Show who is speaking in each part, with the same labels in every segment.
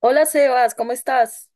Speaker 1: Hola Sebas, ¿cómo estás?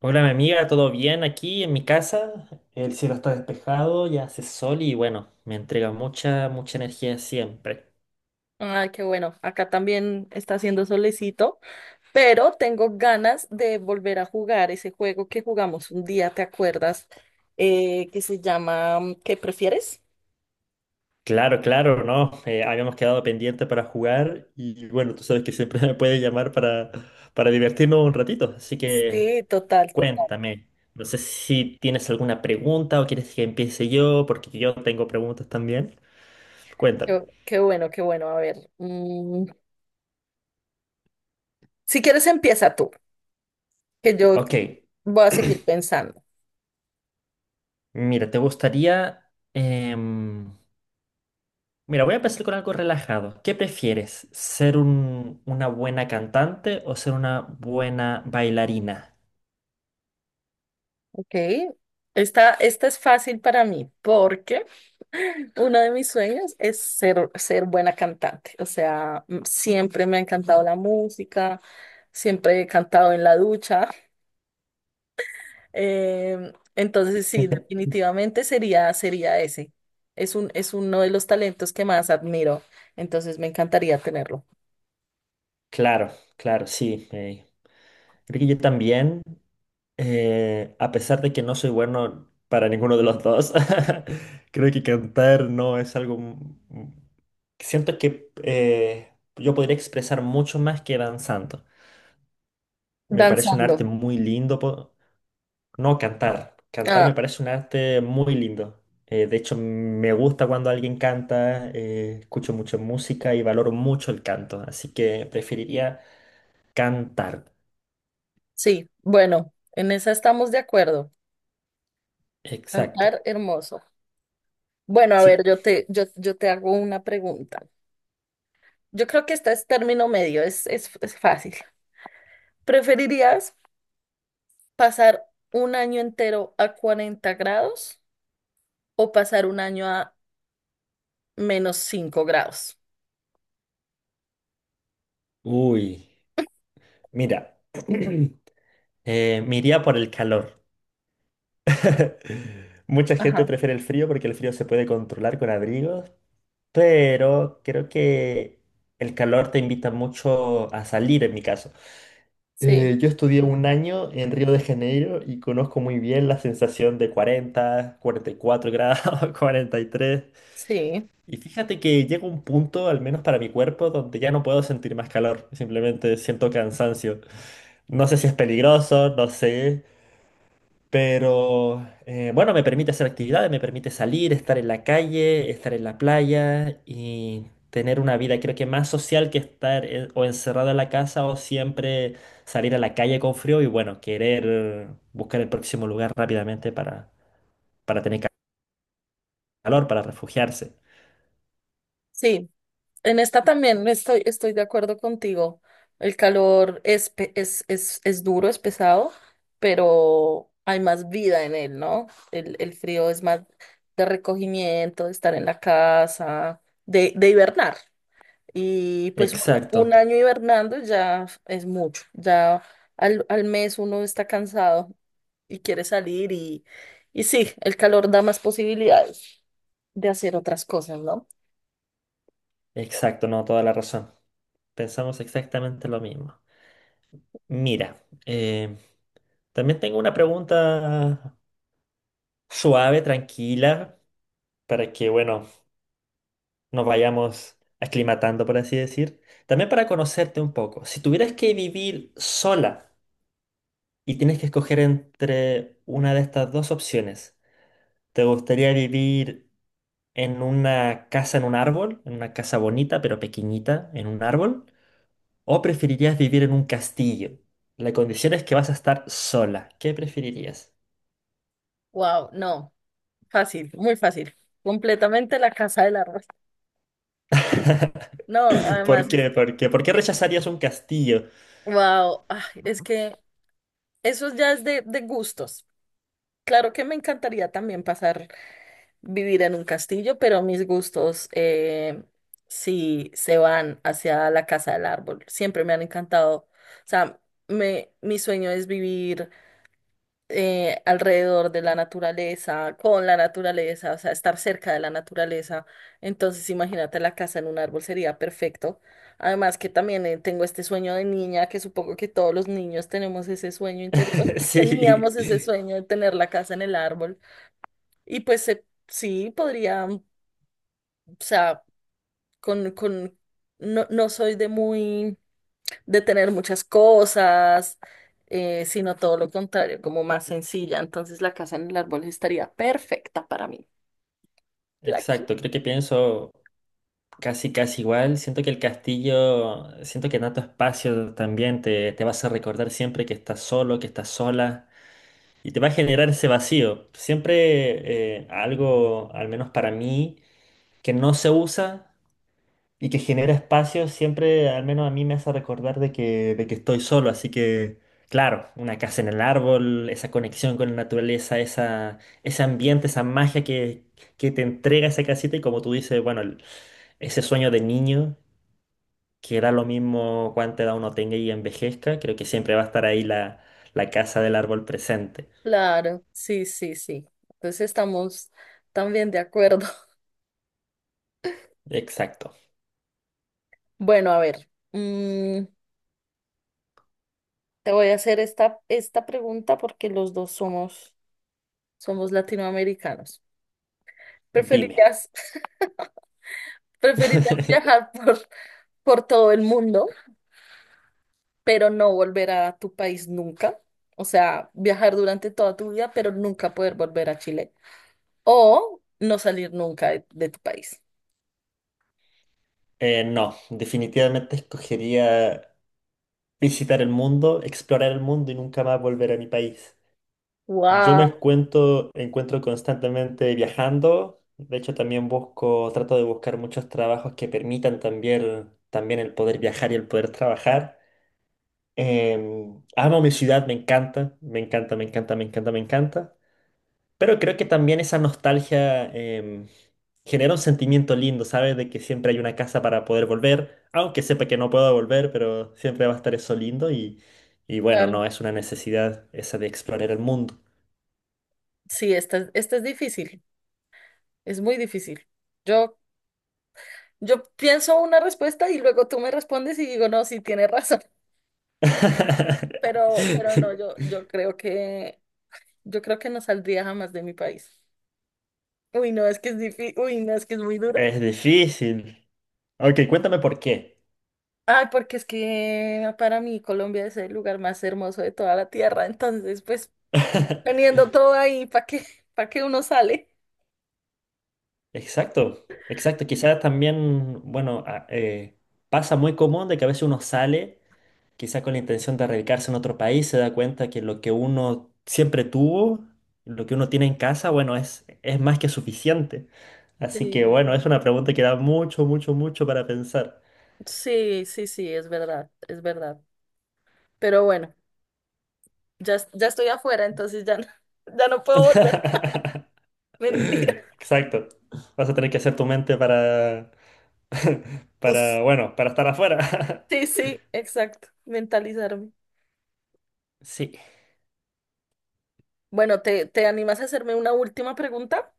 Speaker 2: Hola, mi amiga, ¿todo bien aquí en mi casa? El cielo está despejado, ya hace sol y bueno, me entrega mucha, mucha energía siempre.
Speaker 1: Ay, qué bueno, acá también está haciendo solecito, pero tengo ganas de volver a jugar ese juego que jugamos un día, ¿te acuerdas? Que se llama ¿qué prefieres?
Speaker 2: Claro, claro, ¿no? Habíamos quedado pendiente para jugar y bueno, tú sabes que siempre me puedes llamar para divertirnos un ratito, así que
Speaker 1: Sí, total, total.
Speaker 2: cuéntame. No sé si tienes alguna pregunta o quieres que empiece yo, porque yo tengo preguntas también. Cuéntame.
Speaker 1: Qué bueno, qué bueno. A ver, si quieres empieza tú, que yo
Speaker 2: Ok,
Speaker 1: voy a seguir pensando.
Speaker 2: mira, ¿te gustaría... em, mira, voy a empezar con algo relajado. ¿Qué prefieres? ¿Ser una buena cantante o ser una buena bailarina?
Speaker 1: Ok, esta es fácil para mí porque uno de mis sueños es ser buena cantante. O sea, siempre me ha encantado la música, siempre he cantado en la ducha. Entonces, sí, definitivamente sería ese. Es uno de los talentos que más admiro. Entonces, me encantaría tenerlo.
Speaker 2: Claro, claro, sí. Creo que yo también, a pesar de que no soy bueno para ninguno de los dos, creo que cantar no es algo... m- Siento que yo podría expresar mucho más que danzando. Me parece un
Speaker 1: Danzando.
Speaker 2: arte muy lindo. No, cantar. Cantar me
Speaker 1: Ah,
Speaker 2: parece un arte muy lindo. De hecho, me gusta cuando alguien canta, escucho mucho música y valoro mucho el canto, así que preferiría cantar.
Speaker 1: sí, bueno, en esa estamos de acuerdo.
Speaker 2: Exacto.
Speaker 1: Cantar hermoso. Bueno, a ver,
Speaker 2: Sí.
Speaker 1: yo te hago una pregunta. Yo creo que este es término medio, es fácil. ¿Preferirías pasar un año entero a 40 grados o pasar un año a -5 grados?
Speaker 2: Uy, mira, me iría por el calor. Mucha gente
Speaker 1: Ajá.
Speaker 2: prefiere el frío porque el frío se puede controlar con abrigos, pero creo que el calor te invita mucho a salir en mi caso.
Speaker 1: Sí,
Speaker 2: Yo estudié un año en Río de Janeiro y conozco muy bien la sensación de 40, 44 grados, 43.
Speaker 1: sí,
Speaker 2: Y fíjate que llega un punto, al menos para mi cuerpo, donde ya no puedo sentir más calor. Simplemente siento cansancio. No sé si es peligroso, no sé. Pero bueno, me permite hacer actividades, me permite salir, estar en la calle, estar en la playa y tener una vida creo que más social que o encerrado en la casa o siempre salir a la calle con frío y bueno, querer buscar el próximo lugar rápidamente para tener calor, para refugiarse.
Speaker 1: sí. En esta también estoy de acuerdo contigo. El calor es duro, es pesado, pero hay más vida en él, ¿no? El frío es más de recogimiento, de estar en la casa, de hibernar. Y pues un
Speaker 2: Exacto,
Speaker 1: año hibernando ya es mucho, ya al mes uno está cansado y quiere salir y sí, el calor da más posibilidades de hacer otras cosas, ¿no?
Speaker 2: exacto, no, toda la razón. Pensamos exactamente lo mismo. Mira, eh, también tengo una pregunta suave, tranquila, para que, bueno, nos vayamos aclimatando, por así decir. También para conocerte un poco, si tuvieras que vivir sola y tienes que escoger entre una de estas dos opciones, ¿te gustaría vivir en una casa en un árbol, en una casa bonita pero pequeñita, en un árbol? ¿O preferirías vivir en un castillo? La condición es que vas a estar sola. ¿Qué preferirías?
Speaker 1: Wow, no, fácil, muy fácil, completamente la casa del arroz. No,
Speaker 2: ¿Por
Speaker 1: además es,
Speaker 2: qué? ¿Por qué? ¿Por qué rechazarías un castillo?
Speaker 1: wow, es que eso ya es de gustos. Claro que me encantaría también pasar vivir en un castillo, pero mis gustos sí se van hacia la casa del árbol. Siempre me han encantado. O sea, mi sueño es vivir alrededor de la naturaleza, con la naturaleza, o sea, estar cerca de la naturaleza. Entonces, imagínate la casa en un árbol sería perfecto. Además que también tengo este sueño de niña, que supongo que todos los niños tenemos ese sueño interior.
Speaker 2: Sí,
Speaker 1: Teníamos ese sueño de tener la casa en el árbol. Y pues se sí, podría. O sea, con, con, no, no soy de muy, de tener muchas cosas, sino todo lo contrario, como más sencilla. Entonces la casa en el árbol estaría perfecta para mí. La qui-
Speaker 2: exacto. Creo que pienso. Casi, casi igual. Siento que el castillo, siento que Nato Espacio también te vas a recordar siempre que estás solo, que estás sola, y te va a generar ese vacío. Siempre algo, al menos para mí, que no se usa y que genera espacio, siempre, al menos a mí me hace recordar de que estoy solo. Así que, claro, una casa en el árbol, esa conexión con la naturaleza, esa, ese ambiente, esa magia que te entrega esa casita y como tú dices, bueno... Ese sueño de niño, que da lo mismo cuánta edad uno tenga y envejezca, creo que siempre va a estar ahí la, la casa del árbol presente.
Speaker 1: Claro, sí, sí, sí. Entonces estamos también de acuerdo.
Speaker 2: Exacto.
Speaker 1: Bueno, a ver, te voy a hacer esta pregunta porque los dos somos latinoamericanos.
Speaker 2: Dime.
Speaker 1: ¿Preferirías, preferirías por todo el mundo, pero no volver a tu país nunca? O sea, viajar durante toda tu vida, pero nunca poder volver a Chile. O no salir nunca de tu país.
Speaker 2: No, definitivamente escogería visitar el mundo, explorar el mundo y nunca más volver a mi país. Yo me
Speaker 1: Wow,
Speaker 2: encuentro constantemente viajando. De hecho, también busco, trato de buscar muchos trabajos que permitan también el poder viajar y el poder trabajar. Amo mi ciudad, me encanta, me encanta, me encanta, me encanta, me encanta. Pero creo que también esa nostalgia genera un sentimiento lindo, ¿sabes? De que siempre hay una casa para poder volver, aunque sepa que no puedo volver, pero siempre va a estar eso lindo, y bueno,
Speaker 1: claro.
Speaker 2: no, es una necesidad esa de explorar el mundo.
Speaker 1: Sí, esta es difícil, es muy difícil. Yo, yo pienso una respuesta y luego tú me respondes y digo, no, sí, tienes razón. Pero, pero no, yo creo que, yo creo que no saldría jamás de mi país. Uy, no, es que es difícil, uy, no, es que es muy duro.
Speaker 2: Es difícil. Ok, cuéntame por qué.
Speaker 1: Ay, porque es que para mí Colombia es el lugar más hermoso de toda la tierra, entonces pues poniendo todo ahí, ¿para qué uno sale?
Speaker 2: Exacto, exacto. Quizás también, bueno, pasa muy común de que a veces uno sale, quizás con la intención de radicarse en otro país, se da cuenta que lo que uno siempre tuvo, lo que uno tiene en casa, bueno, es más que suficiente. Así
Speaker 1: Sí.
Speaker 2: que bueno, es una pregunta que da mucho, mucho, mucho para pensar.
Speaker 1: Sí, sí, sí, es verdad, es verdad. Pero bueno, ya, ya estoy afuera, entonces ya no, ya no puedo volver. Mentira.
Speaker 2: Exacto. Vas a tener que hacer tu mente
Speaker 1: Uf.
Speaker 2: para, bueno, para estar afuera.
Speaker 1: Sí, sí, exacto, mentalizarme.
Speaker 2: Sí.
Speaker 1: Bueno, ¿te animas a hacerme una última pregunta?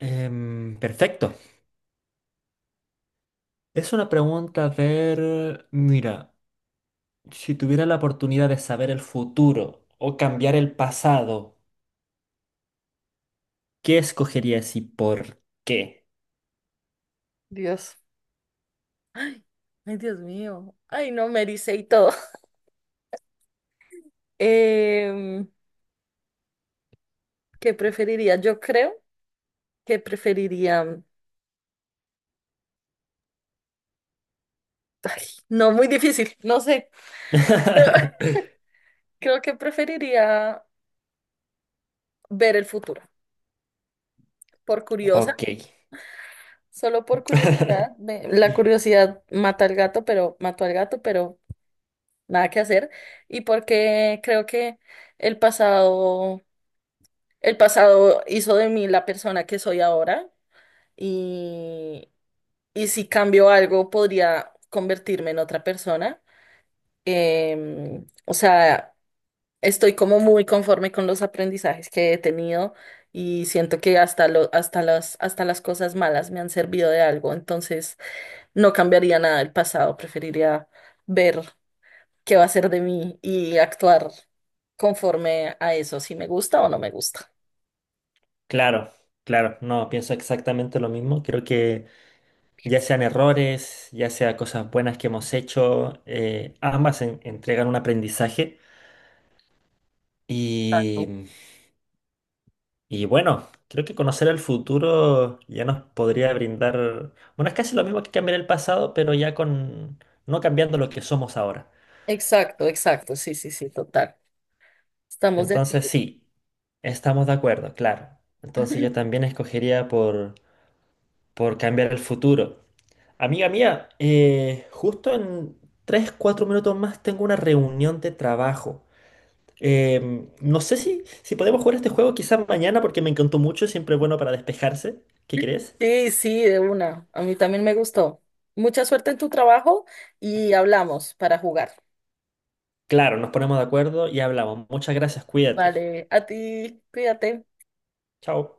Speaker 2: Perfecto. Es una pregunta, a ver, mira, si tuviera la oportunidad de saber el futuro o cambiar el pasado, ¿qué escogerías y por qué?
Speaker 1: Dios. Ay, ay, Dios mío. Ay, no, me ericé y todo. Em, ¿qué preferiría? Yo creo que preferiría. Ay, no, muy difícil, no sé. Pero creo que preferiría ver el futuro. Por curiosa,
Speaker 2: Ok,
Speaker 1: solo por curiosidad. La curiosidad mata al gato, pero mató al gato, pero nada que hacer. Y porque creo que el pasado, el pasado hizo de mí la persona que soy ahora, y si cambio algo podría convertirme en otra persona. O sea, estoy como muy conforme con los aprendizajes que he tenido y siento que hasta las cosas malas me han servido de algo. Entonces, no cambiaría nada del pasado. Preferiría ver qué va a ser de mí y actuar conforme a eso, si me gusta o no me gusta.
Speaker 2: claro, claro, no, pienso exactamente lo mismo. Creo que ya sean errores, ya sea cosas buenas que hemos hecho, ambas entregan un aprendizaje y Y bueno, creo que conocer el futuro ya nos podría brindar, bueno, es casi lo mismo que cambiar el pasado, pero ya con, no cambiando lo que somos ahora.
Speaker 1: Exacto, exacto. Sí, sí, sí, total. Estamos de
Speaker 2: Entonces
Speaker 1: acuerdo.
Speaker 2: sí, estamos de acuerdo, claro. Entonces yo también escogería por cambiar el futuro. Amiga mía, justo en 3 4 minutos más tengo una reunión de trabajo. No sé si podemos jugar este juego quizás mañana porque me encantó mucho, siempre es bueno para despejarse. ¿Qué crees?
Speaker 1: Sí, sí, de una. A mí también me gustó. Mucha suerte en tu trabajo y hablamos para jugar.
Speaker 2: Claro, nos ponemos de acuerdo y hablamos. Muchas gracias, cuídate.
Speaker 1: Vale, a ti, cuídate.
Speaker 2: Chao.